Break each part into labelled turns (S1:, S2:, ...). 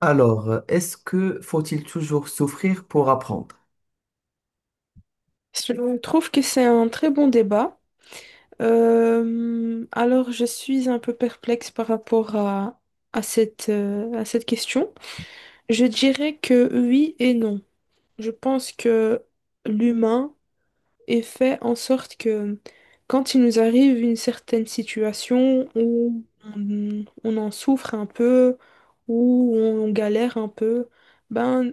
S1: Alors, est-ce que faut-il toujours souffrir pour apprendre?
S2: Je trouve que c'est un très bon débat. Je suis un peu perplexe par rapport à cette question. Je dirais que oui et non. Je pense que l'humain est fait en sorte que quand il nous arrive une certaine situation où on en souffre un peu, où on galère un peu, ben,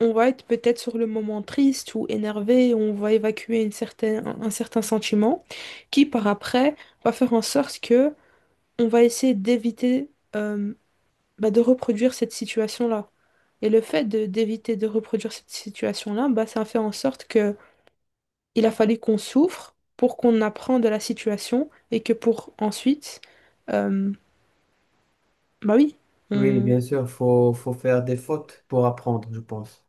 S2: on va être peut-être sur le moment triste ou énervé, on va évacuer une certaine, un certain sentiment qui, par après, va faire en sorte que on va essayer d'éviter euh, bah, de reproduire cette situation-là. Et d'éviter de reproduire cette situation-là, bah, ça a fait en sorte que il a fallu qu'on souffre pour qu'on apprend de la situation et que pour ensuite, euh, bah oui,
S1: Oui,
S2: on...
S1: bien sûr, faut faire des fautes pour apprendre, je pense.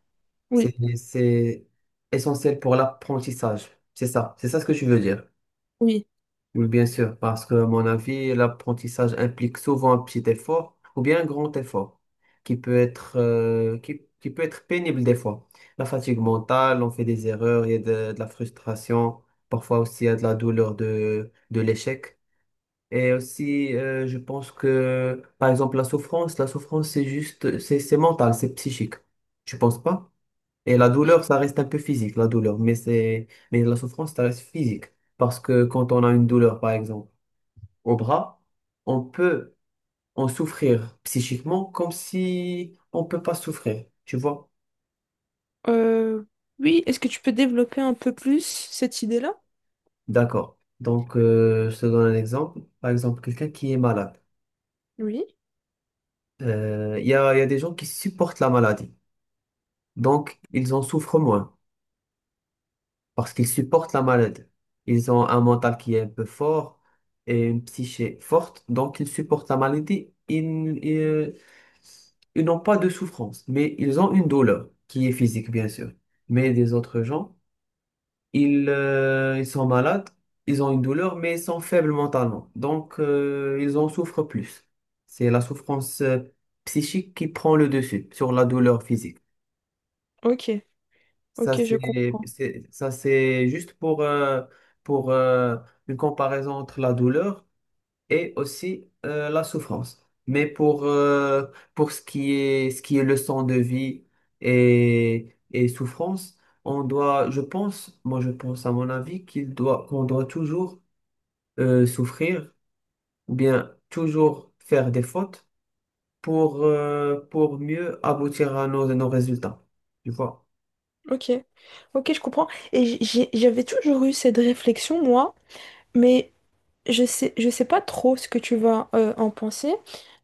S1: C'est,
S2: oui,
S1: c'est essentiel pour l'apprentissage. C'est ça ce que tu veux dire.
S2: oui,
S1: Oui, bien sûr, parce que à mon avis, l'apprentissage implique souvent un petit effort ou bien un grand effort qui peut être, qui peut être pénible des fois. La fatigue mentale, on fait des erreurs, il y a de la frustration, parfois aussi il y a de la douleur de l'échec. Et aussi, je pense que, par exemple, la souffrance, c'est juste, c'est mental, c'est psychique. Tu penses pas? Et la douleur, ça reste un peu physique, la douleur, mais c'est, mais la souffrance, ça reste physique. Parce que quand on a une douleur, par exemple, au bras, on peut en souffrir psychiquement comme si on peut pas souffrir. Tu vois?
S2: Euh, oui. Est-ce que tu peux développer un peu plus cette idée-là?
S1: D'accord. Donc, je te donne un exemple. Par exemple, quelqu'un qui est malade.
S2: Oui.
S1: Il y a des gens qui supportent la maladie. Donc, ils en souffrent moins parce qu'ils supportent la maladie. Ils ont un mental qui est un peu fort et une psyché forte. Donc, ils supportent la maladie. Ils n'ont pas de souffrance, mais ils ont une douleur qui est physique, bien sûr. Mais des autres gens, ils, ils sont malades, ils ont une douleur, mais ils sont faibles mentalement. Donc, ils en souffrent plus. C'est la souffrance psychique qui prend le dessus sur la douleur physique.
S2: Ok,
S1: Ça,
S2: ok, je comprends.
S1: ça, c'est juste pour une comparaison entre la douleur et aussi la souffrance. Mais pour ce qui est leçon de vie et souffrance, on doit, je pense, moi je pense à mon avis, qu'il doit, qu'on doit toujours souffrir ou bien toujours faire des fautes pour mieux aboutir à nos résultats. Tu vois?
S2: Ok, ok, je comprends. Et j'avais toujours eu cette réflexion, moi, mais je sais pas trop ce que tu vas en penser.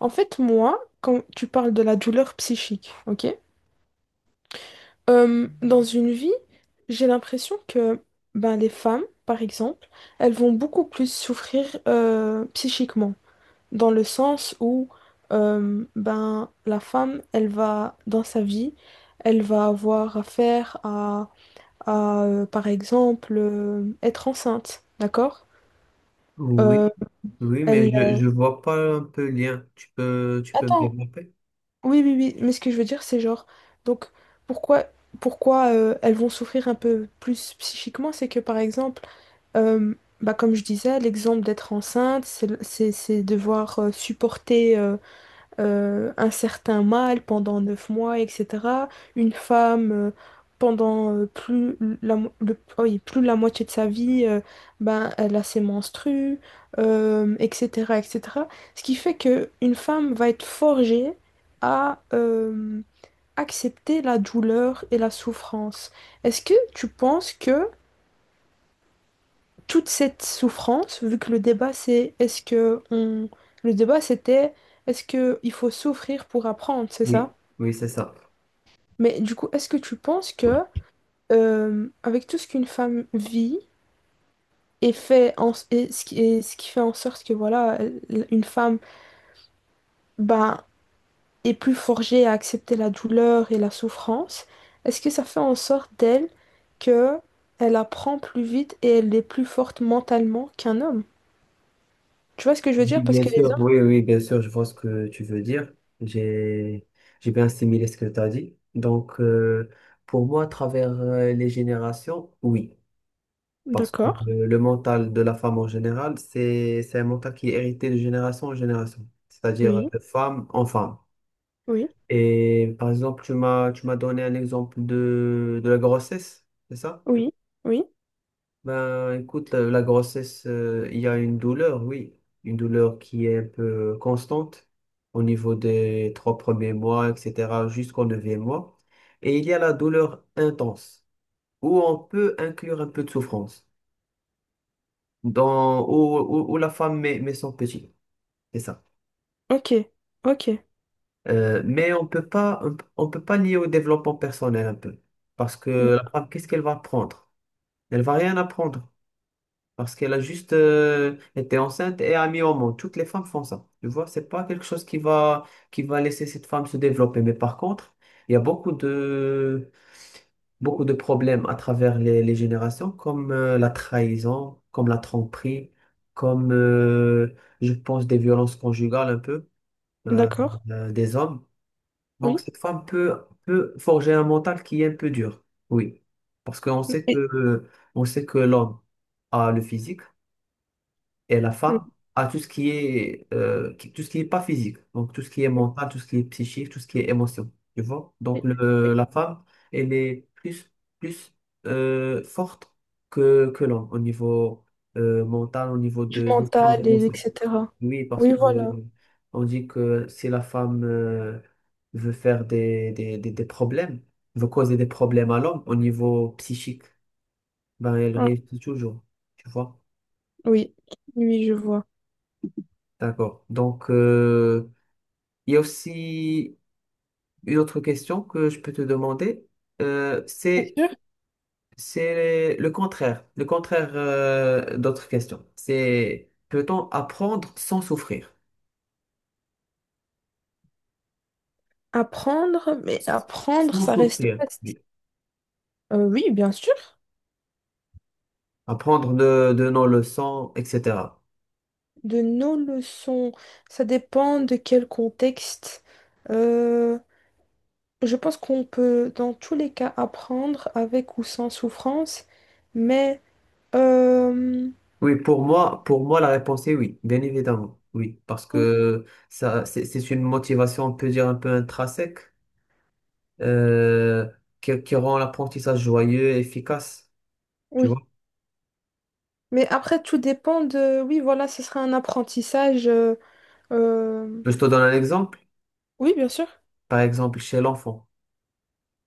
S2: En fait, moi, quand tu parles de la douleur psychique, ok? Dans une vie, j'ai l'impression que ben, les femmes, par exemple, elles vont beaucoup plus souffrir psychiquement, dans le sens où ben, la femme, elle va, dans sa vie, elle va avoir affaire à, par exemple, être enceinte, d'accord? Euh,
S1: Oui, oui, mais
S2: elle...
S1: je vois pas un peu le lien. Tu peux me
S2: Attends,
S1: développer?
S2: oui, mais ce que je veux dire, c'est genre, donc, pourquoi, pourquoi elles vont souffrir un peu plus psychiquement, c'est que, par exemple, Euh, bah, comme je disais, l'exemple d'être enceinte, c'est devoir supporter un certain mal pendant 9 mois, etc. Une femme, pendant plus, oui, plus de la moitié de sa vie, ben, elle a ses menstrues, etc., etc. Ce qui fait que une femme va être forgée à accepter la douleur et la souffrance. Est-ce que tu penses que toute cette souffrance, vu que le débat c'est est-ce que on... le débat c'était est-ce que il faut souffrir pour apprendre, c'est ça?
S1: Oui. Oui, c'est ça.
S2: Mais du coup, est-ce que tu penses que avec tout ce qu'une femme vit et fait en... et ce qui fait en sorte que voilà, une femme ben, est plus forgée à accepter la douleur et la souffrance, est-ce que ça fait en sorte d'elle que elle apprend plus vite et elle est plus forte mentalement qu'un homme? Tu vois ce que je veux dire?
S1: Oui,
S2: Parce
S1: bien
S2: que les
S1: sûr,
S2: hommes...
S1: oui, oui, bien sûr, je vois ce que tu veux dire. J'ai, j'ai bien assimilé ce que tu as dit. Donc, pour moi, à travers les générations, oui. Parce que
S2: D'accord,
S1: le mental de la femme en général, c'est un mental qui est hérité de génération en génération. C'est-à-dire
S2: oui.
S1: de femme en femme.
S2: Oui,
S1: Et par exemple, tu m'as donné un exemple de la grossesse, c'est ça?
S2: oui, oui.
S1: Ben, écoute, la grossesse, il y a une douleur, oui, une douleur qui est un peu constante au niveau des 3 premiers mois, etc., jusqu'au neuvième mois. Et il y a la douleur intense, où on peut inclure un peu de souffrance, dans, où la femme met son petit, c'est ça.
S2: Ok, ok.
S1: Mais on peut pas, on peut pas lier au développement personnel un peu, parce
S2: D-
S1: que la femme, qu'est-ce qu'elle va apprendre? Elle va rien apprendre. Parce qu'elle a juste été enceinte et a mis au monde. Toutes les femmes font ça. Tu vois, c'est pas quelque chose qui va laisser cette femme se développer. Mais par contre, il y a beaucoup de problèmes à travers les générations, comme la trahison, comme la tromperie, comme, je pense, des violences conjugales un peu euh,
S2: D'accord.
S1: des hommes. Donc,
S2: Oui.
S1: cette femme peut, peut forger un mental qui est un peu dur. Oui. Parce qu'on sait
S2: Oui.
S1: que, on sait que l'homme a le physique et la
S2: Oui,
S1: femme a tout ce qui est tout ce qui est pas physique, donc tout ce qui est
S2: oui,
S1: mental, tout ce qui est psychique, tout ce qui est émotion, tu vois. Donc
S2: oui.
S1: le, la femme elle est plus plus forte que l'homme au niveau mental, au niveau
S2: Du
S1: de gestion
S2: mental, et
S1: d'émotion,
S2: etc.
S1: oui, parce
S2: Oui,
S1: que
S2: voilà.
S1: on dit que si la femme veut faire des problèmes, veut causer des problèmes à l'homme au niveau psychique, ben elle
S2: Ah,
S1: réussit toujours, tu vois.
S2: oui, oui, je vois.
S1: D'accord. Donc, il y a aussi une autre question que je peux te demander. Euh,
S2: Bien
S1: c'est,
S2: sûr.
S1: c'est le contraire d'autres questions. C'est peut-on apprendre sans souffrir?
S2: Apprendre, mais apprendre,
S1: Sans
S2: ça reste
S1: souffrir.
S2: vaste.
S1: Oui.
S2: Oui, bien sûr.
S1: Apprendre de nos leçons, etc.
S2: De nos leçons, ça dépend de quel contexte. Euh, je pense qu'on peut, dans tous les cas, apprendre avec ou sans souffrance, mais euh,
S1: Oui, pour moi, la réponse est oui, bien évidemment. Oui, parce que ça, c'est une motivation, on peut dire, un peu intrinsèque, euh, qui rend l'apprentissage joyeux et efficace. Tu
S2: oui,
S1: vois?
S2: mais après, tout dépend de... Oui, voilà, ce sera un apprentissage. Euh,
S1: Je te donne un exemple.
S2: Oui, bien sûr.
S1: Par exemple, chez l'enfant.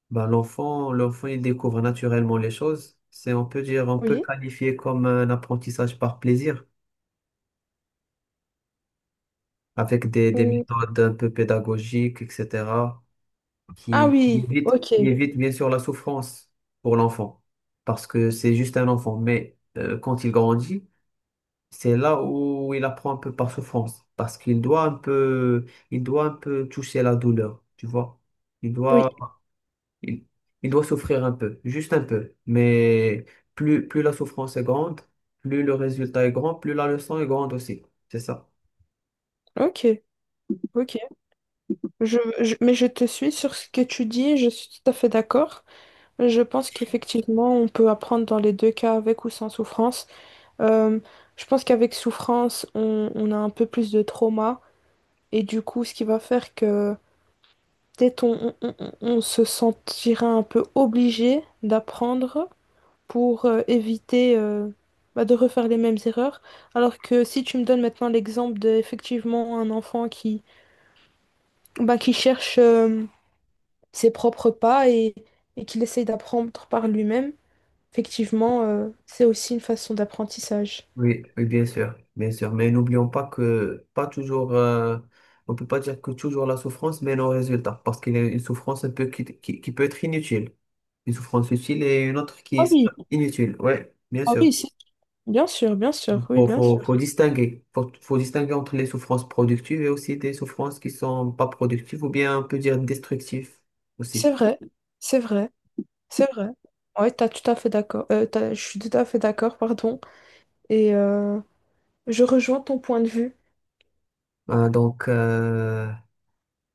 S1: Ben, l'enfant, il découvre naturellement les choses. C'est, on peut dire, on peut le
S2: Oui.
S1: qualifier comme un apprentissage par plaisir, avec des
S2: Ou-
S1: méthodes un peu pédagogiques, etc.,
S2: Ah oui, ok.
S1: qui évite bien sûr la souffrance pour l'enfant, parce que c'est juste un enfant. Mais quand il grandit, c'est là où il apprend un peu par souffrance, parce qu'il doit un peu, il doit un peu toucher la douleur, tu vois. Il
S2: Oui,
S1: doit, il, il doit souffrir un peu, juste un peu. Mais plus, plus la souffrance est grande, plus le résultat est grand, plus la leçon est grande aussi. C'est ça.
S2: ok. Ok. Mais je te suis sur ce que tu dis, je suis tout à fait d'accord. Je pense qu'effectivement, on peut apprendre dans les deux cas, avec ou sans souffrance. Euh, je pense qu'avec souffrance, on a un peu plus de trauma. Et du coup, ce qui va faire que peut-être on se sentira un peu obligé d'apprendre, pour éviter bah, de refaire les mêmes erreurs. Alors que si tu me donnes maintenant l'exemple de effectivement un enfant qui, bah, qui cherche ses propres pas et, et qu'il essaye d'apprendre par lui-même, effectivement, c'est aussi une façon d'apprentissage.
S1: Oui, oui, bien sûr, bien sûr. Mais n'oublions pas que pas toujours, on peut pas dire que toujours la souffrance mène au résultat, parce qu'il y a une souffrance un peu qui peut être inutile. Une souffrance utile et une autre qui
S2: Ah
S1: est
S2: oui,
S1: inutile. Oui, bien
S2: ah
S1: sûr.
S2: oui, c'est- bien sûr, oui, bien sûr.
S1: Faut distinguer. Faut distinguer entre les souffrances productives et aussi des souffrances qui sont pas productives ou bien on peut dire destructives aussi.
S2: C'est vrai, c'est vrai, c'est vrai. Ouais, t'as tout à fait d'accord. Je suis tout à fait d'accord, pardon. Et je rejoins ton point de vue.
S1: Donc,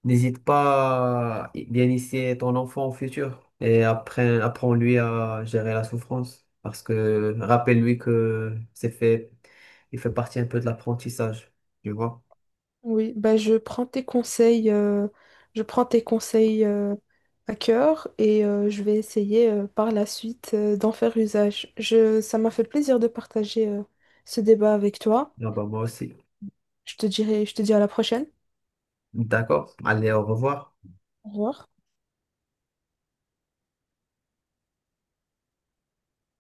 S1: n'hésite pas à bien initier ton enfant au futur et apprends, apprends-lui à gérer la souffrance. Parce que rappelle-lui que c'est fait, il fait partie un peu de l'apprentissage. Tu vois?
S2: Oui, bah je prends tes conseils, je prends tes conseils euh, à cœur et je vais essayer par la suite d'en faire usage. Ça m'a fait plaisir de partager ce débat avec toi.
S1: Ah bah moi aussi.
S2: Je te dis à la prochaine.
S1: D'accord. Allez, au revoir.
S2: Au revoir.